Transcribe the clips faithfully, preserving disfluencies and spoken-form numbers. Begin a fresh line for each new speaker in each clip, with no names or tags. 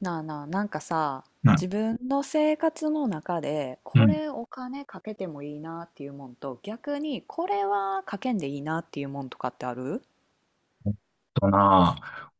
なあなあ、なんかさ、
な、
自分の生活の中で、
う
こ
ん。
れお金かけてもいいなっていうもんと、逆にこれはかけんでいいなっていうもんとかってある？
えっとな、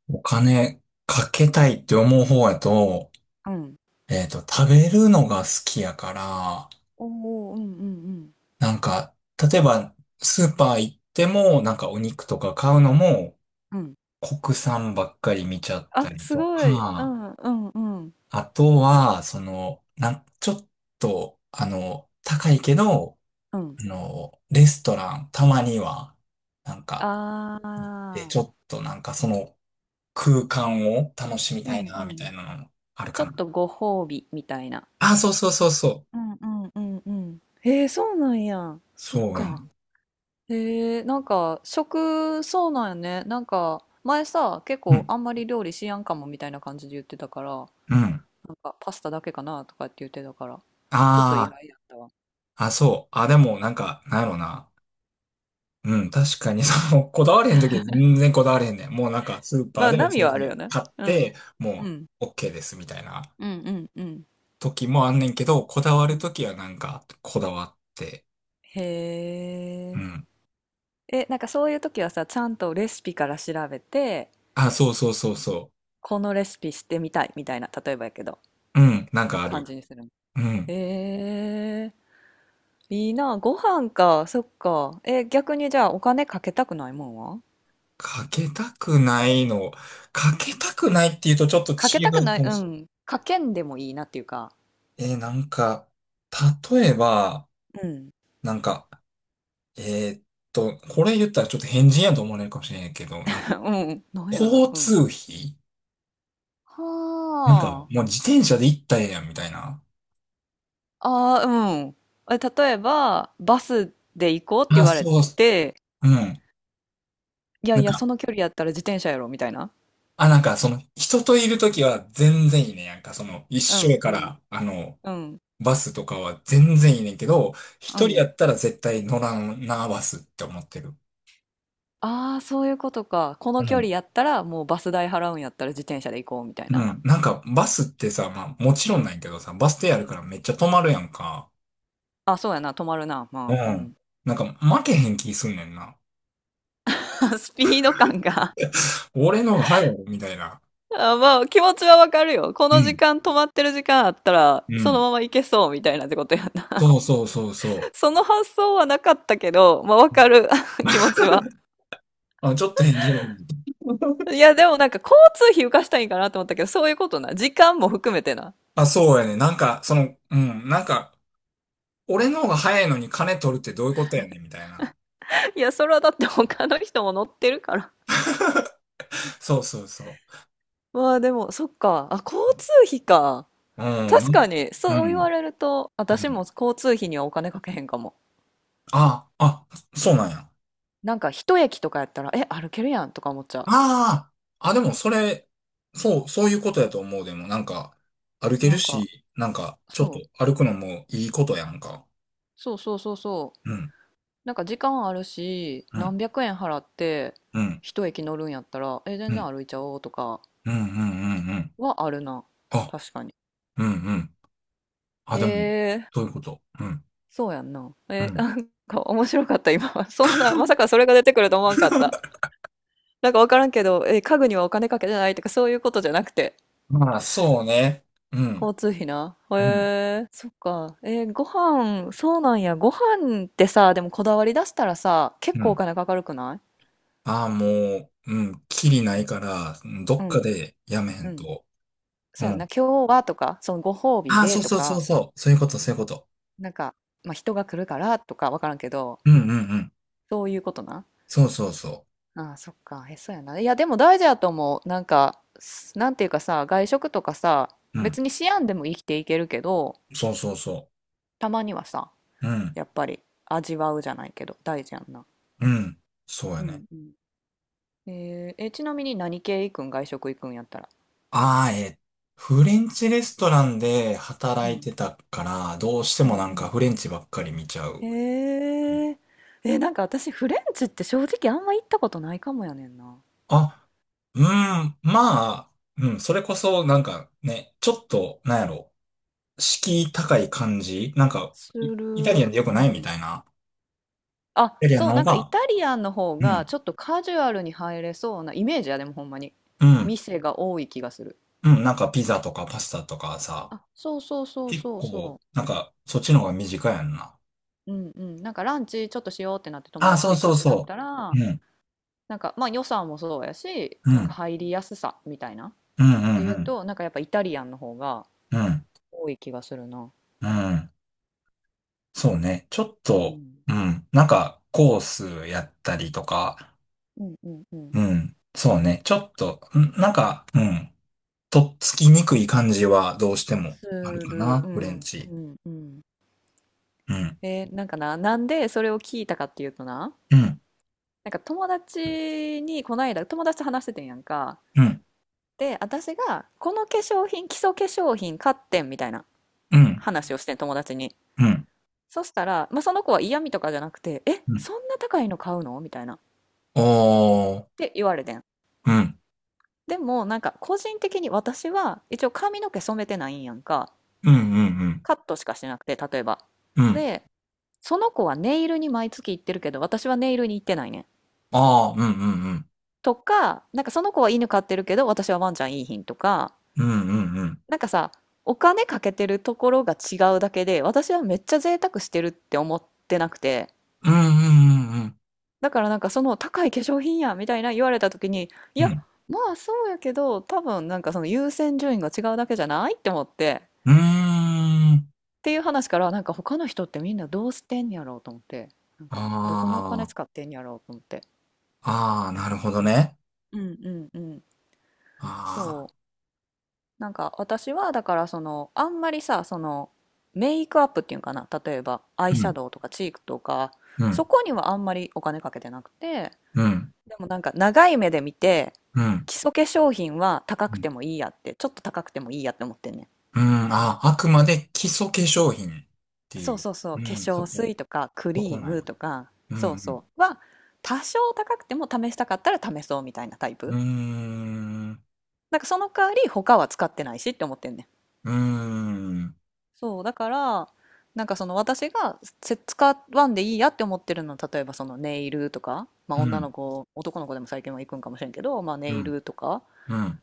お金かけたいって思う方やと、
うん。
えっと、食べるのが好きやから、
おお、うんうんうん。
なんか、例えば、スーパー行っても、なんかお肉とか買うのも、
うん。
国産ばっかり見ちゃった
あ、
り
す
と
ごい。う
か、
んうんうん。
あとは、その、なん、ちょっと、あの、高いけど、
うん。
あの、レストラン、たまには、なんか、
あ
行って、
あ、
ちょっとなんかその、空間を楽しみ
う
たい
んう
な、み
ん。
たいなのある
ちょ
か
っ
な。
とご褒美みたいな。
あ、そうそうそうそう。
うんうんうんうん。えー、そうなんや。そっ
そうや
か。
ね。
へえ、なんか食、そうなんやね。なんか前さ、結
う
構
ん。
あんまり料理しやんかもみたいな感じで言ってたから、
うん。
なんかパスタだけかなとかって言ってたから、ちょっと意
あ
外やったわ。
あ、あ、そう。あ、でも、なんか、なんやろな。うん、確かに、その、こだわれへんときは全然こだわれへんねん。もうなんか、スーパ
ま
ー
あ、
でお
波
惣
はあるよ
菜
ね。
買っ
うん。
て、
う
も
ん。
う、OK です、みたいな
うんうんうん。
時もあんねんけど、こだわ
う
ると
ん
きはなんか、こだわって。
へ
う
え。
ん。
え、なんかそういう時はさ、ちゃんとレシピから調べて、
あ、そうそうそうそ
このレシピしてみたいみたいな、例えばやけど、
う。うん、なんかあ
感
る。
じにするの。
うん。
へいいな、ご飯か、そっか。え、逆にじゃあお金かけたくないもんは？
かけたくないの。かけたくないっていうとちょっと
かけ
違
たく
う
な
か
い、
も
う
し
ん。かけんでもいいなっていうか。
れない。えー、なんか、例えば、
うん。
なんか、えーっと、これ言ったらちょっと変人やと思われるかもしれないけど、なん か、
うん。なんやろ。
交
うん。
通費なんか、
は
もう自転車で行ったらええやん、みたいな。
あ。ああ、うん。え、例えば、バスで行こうって言
あ、
われ
そう、
てて、
うん。
いや
な
い
ん
や、そ
か、
の距離やったら自転車やろ、みたいな。
あ、なんか、その、人といるときは全然いいね。なんか、その、一
う
緒
ん、
や
う
か
ん、
ら、あの、
うん、
バスとかは全然いいねんけど、
う
一人や
ん。
ったら絶対乗らんな、バスって思ってる。
ああ、そういうことか。この
う
距離
ん
やったら、もうバス代払うんやったら自転車で行こう、みたい
う
な。
ん。なんか、バスってさ、まあ、もち
う
ろん
ん、
ないけどさ、バス停あ
う
るか
ん。
らめっちゃ止まるやんか。
あ、そうやな、止まるな。
う
まあ、う
ん。
ん。
なんか、負けへん気すんねんな。
スピード感が
俺のが早い、みたいな。
あまあ、気持ちはわかるよ。こ
う
の時
ん。
間、止まってる時間あったら、
う
その
ん。
まま行けそうみたいなってことやな。
そうそうそうそ
その発想はなかったけど、まあわかる 気持ちは。
う。あ、ちょっと返事やと思って
いや、でもなんか交通費浮かしたいんかなと思ったけど、そういうことな。時間も含めてな。
あ、そうやね。なんか、その、うん。なんか、俺の方が早いのに金取るってどういうことやねん、みたいな。
いや、それはだって他の人も乗ってるから。
そうそうそ
まあでも、そっか。あ、交
う。
通費か。
うん。う
確か
ん。
に、
う
そう言わ
ん。
れると、
う
私も
ん
交通費にはお金かけへんかも。
あ、あ、そうなんや。
なんか一駅とかやったら、え、歩けるやんとか思っちゃ
ああ、あ、でもそれ、そう、そういうことやと思う。でもなんか、歩
う。
け
な
る
んか、
し、なんか、ちょっ
そ
と
う。
歩くのもいいことやんか。
そうそうそうそう。
うん、
なんか時間あるし、
うん、
何百円払って
うん、
一駅乗るんやったら、え、全
う
然
ん、
歩いちゃおうとか
うん、うん、うんうん。
はあるな。
あ、
確かに。
うん、うん。あ、でも、
えー、
そういうこと。うん、
そうやんな。
う
え、
ん。
なんか面白かった、今。そんな、まさかそれが出てくると思わんかった。なんかわからんけど、え、家具にはお金かけてないとかそういうことじゃなくて。
まあ、そうね。うん、
交通費な。へ
うん、
え、そっか。えーご飯、そうなんや。ご飯ってさ、でもこだわり出したらさ、結
う
構お
ん。
金かかるくない？
ああ、もう、うん、きりないから、うんど
う
っか
ん。
でやめへ
う
ん
ん。
と。う
そうやんな、
ん。
今日はとか、そのご褒美
ああ、
で
そう
と
そうそ
か、
うそう。そういうこと、そういうこと。
なんか、まあ、人が来るからとかわからんけど、
うん、うん、うん。
そういうことな。
そうそうそ
ああ、そっか、へそやな。いや、でも大事やと思う。なんか、すなんていうかさ、外食とかさ、
う。うん。
別に思案でも生きていけるけど、
そうそうそう。
たまにはさ、
うん、
やっぱり味わうじゃないけど、大事やんな。
うん、そうや
う
ね。
んうん。えーえ、ちなみに何系行くん外食行くんやったら。
ああ、えフレンチレストランで
う
働い
ん
てたから、どうして
う
も
ん
な
う
んか
ん。
フレンチばっかり見ちゃう。
へえ。え、なんか私フレンチって正直あんま行ったことないかもやねんな。
あ、うん、まあ、うん、それこそなんかね、ちょっと、なんやろ、敷居高い感じなんか、
す
イイタリ
る。
アンでよ
う
くないみ
ん。
たいな。
あ、
イタリアン
そう、
の
な
方
んかイ
が、
タリアンの方
う
が
ん、
ちょっとカジュアルに入れそうなイメージや、でもほんまに。
うん、
店が多い気がする。
うん、なんかピザとかパスタとかさ、
あ、そうそうそう
結
そう
構、
そ
なんか、そっちの方が短いやんな。
う。うんうん。なんかランチちょっとしようってなって友
あ、
達
そ
と
う
行く
そ
っ
う
てなっ
そ
た
う。
ら、
うん、
なんかまあ予算もそうやし、
うん、う
なん
ん、
か入りやすさみたいな。
うん、
で
う
言う
ん。
と、なんかやっぱイタリアンの方が
うん、
多い気がするな。
うん。そうね。ちょっ
う
と、
ん。
うん。なんか、コースやったりとか、
うんうんうん。
うん。そうね。ちょっと、んなんか、うん。とっつきにくい感じはどうしても
す
あるか
る。
な、
う
フレン
んう
チ。
んうん。
うん、
えーなんかな、なんでそれを聞いたかっていうとな、
うん、
なんか友達にこの間友達と話しててんやんか。
うん、
で、私がこの化粧品、基礎化粧品買ってんみたいな
うん、
話をしてん友達に。
うん、
そしたら、まあ、その子は嫌味とかじゃなくて、え、
うん。
そんな高いの買うのみたいな。っ
おー、
て言われてん。
うん、
でもなんか個人的に私は一応髪の毛染めてないんやんか。
うん、うん、
カットしかしてなくて、例えば。
うん、うん。
で、その子はネイルに毎月行ってるけど、私はネイルに行ってないねん。
あー、うん、うん、うん、
とか、なんかその子は犬飼ってるけど、私はワンちゃんいいひんとか、
うん、うん、うん、
なんかさ、お金かけてるところが違うだけで、私はめっちゃ贅沢してるって思ってなくて、
うん、うん、
だからなんかその高い化粧品やみたいな言われた時に、い
うん、う
や、
ん、
まあそうやけど、多分なんかその優先順位が違うだけじゃないって思って、
ーん
っていう話からなんか他の人ってみんなどうしてんやろうと思って、なんか
あ
どこにお金使ってんやろうと思って。
あなるほどね。
うんうんうん。そ
ああ
う。なんか私はだからそのあんまりさそのメイクアップっていうかな例えばアイ
う
シャ
ん
ドウとかチークとか
う
そ
ん、
こにはあんまりお金かけてなくて
うん、
でもなんか長い目で見て
うん、
基礎化粧品は高
う
くて
ん。
もいいやってちょっと高くてもいいやって思ってんねん
うんあ、あくまで基礎化粧品って
そ
い
う
う、
そうそう化
うん、
粧
そこ、
水とかク
そこ
リー
な
ム
い。
とか
う
そう
ん、
そうは多少高くても試したかったら試そうみたいなタイ
う
プ
ん、うーん、
なんかその代わり他は使ってないしって思ってんねん
うーん、
そう、だから、なんかその私がせ使わんでいいやって思ってるのは、例えばそのネイルとか、まあ
う
女の
ん、
子、男の子でも最近は行くんかもしれんけど、まあネ
う
イ
ん、
ルとか、
うん。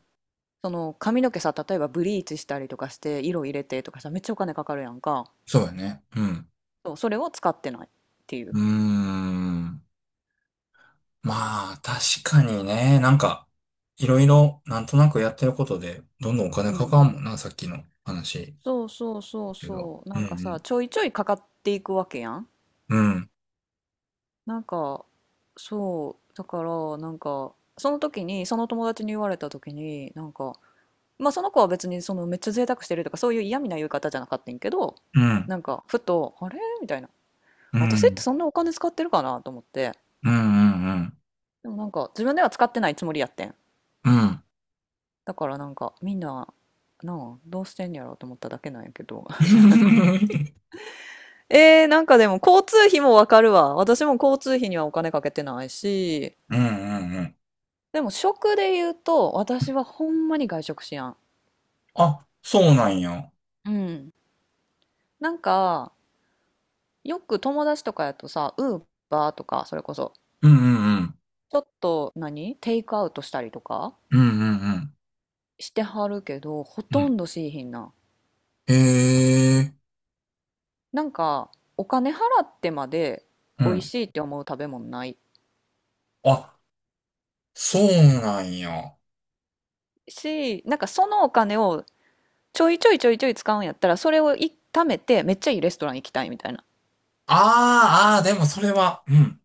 その髪の毛さ、例えばブリーチしたりとかして、色入れてとかさ、めっちゃお金かかるやんか。
そうだね。うん、
そう、それを使ってないっていう。
うーん。まあ、確かにね、なんか、いろいろ、なんとなくやってることで、どんどんお
う
金か
んう
かんも
ん。
んな、さっきの話。
そうそうそう
けど。
そう。な
う
んかさ、
ん、
ちょいちょいかかっていくわけやん。
うん、うん、
なんか、そう、だから、なんか、その時に、その友達に言われた時に、なんか、まあその子は別にそのめっちゃ贅沢してるとかそういう嫌味な言い方じゃなかったんやけど
うん、
なんかふと「あれ？」みたいな
う
「私って
ん、
そんなお金使ってるかな？」と思って
うん、うん、うん。
でもなんか自分では使ってないつもりやってん
うん
だからなんかみんななあどうしてんやろうと思っただけなんやけど えー、なんかでも交通費もわかるわ私も交通費にはお金かけてないし
うんうんうん。
でも食で言うと私はほんまに外食しやん
あ、そうなんや。
うんなんかよく友達とかやとさウーバーとかそれこそ
うんうんうん。
ちょっと何テイクアウトしたりとか
うんうんうん。
してはるけど、ほ
う
と
ん
んどしいひんな。
へえ。
なんか、お金払ってまで
う
美味
ん。
しいって思う食べ物ない
あ、そうなんや。あ
し、なんかそのお金をちょいちょいちょいちょい使うんやったら、それをい貯めてめっちゃいいレストラン行きたいみたいな。
あ、ああ、でもそれは、うん。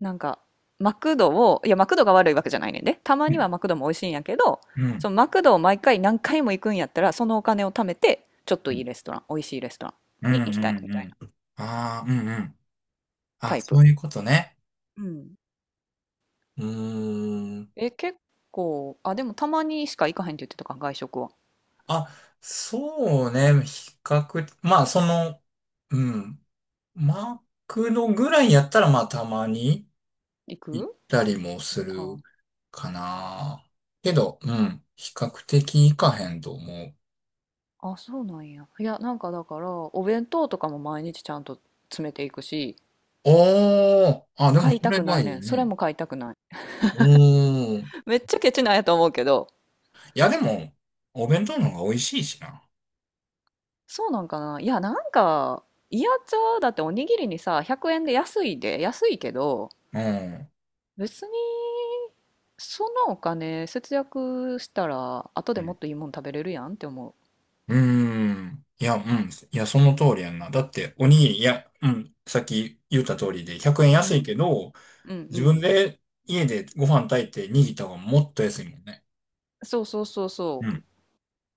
なんか、マクドを、いや、マクドが悪いわけじゃないねんで。たま
う
には
ん。
マクドも美味しいんやけど、
う
そ
ん。
のマクドを毎回何回も行くんやったら、そのお金を貯めて、ちょっと
う
いい
ん。
レストラン、美味しいレストラン
う
に行きたい
ん。
み
う
たいな
ん。ああ、うんうん。
タ
あ、
イ
そ
プ。
ういうことね。
うん。
うーん。
え、結構、あ、でもたまにしか行かへんって言ってたか、外食は。
あ、そうね。比較、まあ、その、うん。マクドぐらいやったら、まあ、たまに。
行
行っ
く
たりもす
か。
るかな。けど、うん、比較的行かへんと思う。
あ、そうなんや。いや、なんかだから、お弁当とかも毎日ちゃんと詰めていくし、
おー、あ、でも
買い
そ
た
れ
くな
が
いね
いい
ん。それ
ね。
も買いたくない。
おー。い
めっちゃケチなんやと思うけど。
や、でも、お弁当の方が美味しいしな。
そうなんかな。いや、なんか、イヤチャだっておにぎりにさ、ひゃくえんで安いで、安いけど、
うん。
別にそのお金節約したら、後で
う
もっ
ん。
といいもん食べれるやんって思
うーん。いや、うん。いや、その通りやんな。だって、おにぎり、いや、うん。さっき言った通りで、ひゃくえん
う。う
安い
ん。
けど、
うんう
自分
ん。
で家でご飯炊いて握った方がもっと安いもんね。
そうそうそう
う
そう。
ん。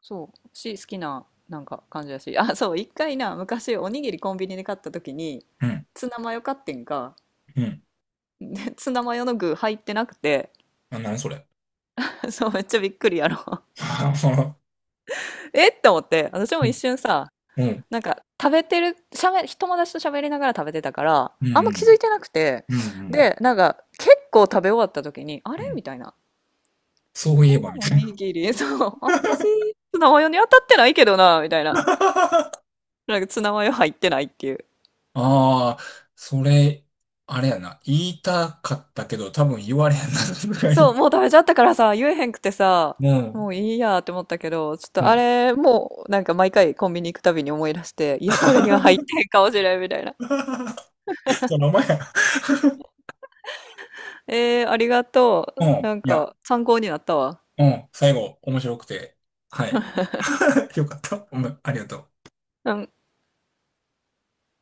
そうし好きななんか感じだし あそう一回な昔おにぎりコンビニで買った時に
うん。
ツナマヨ買ってんか
うん。
で ツナマヨの具入ってなくて
あ、何それ。
そうめっちゃびっくりやろ えって思って私も
う
一
ん。
瞬さ
うん
なんか食べてるしゃべ友達と喋りながら食べてたから
うん
あん
う
ま気づ
ん。
いてなくて
うんうん。
でなんか結構食べ終わった時にあ
う
れ
ん
みたいな
そう
こ
いえばみ
のお
たいな。
にぎり そう私ツナマヨに当たってないけどなみたいな なんかツナマヨ入ってないっていう
ああ、それ、あれやな。言いたかったけど、多分言われへんな、さすが
そう、
に。
もう食べちゃったからさ、言えへんくてさ、
う
も
ん。
ういいやって思ったけど、ちょっと
う
あ
ん。
れ、もうなんか毎回コンビニ行くたびに思い出して、いや、これには入って へんかもしれんみたいな。
その前や。
えー、ありがと
う
う。
ん。
なん
いや、
か参考になったわ。
うん。最後、面白くて。はい。よかった。うん。ありがとう。
うん。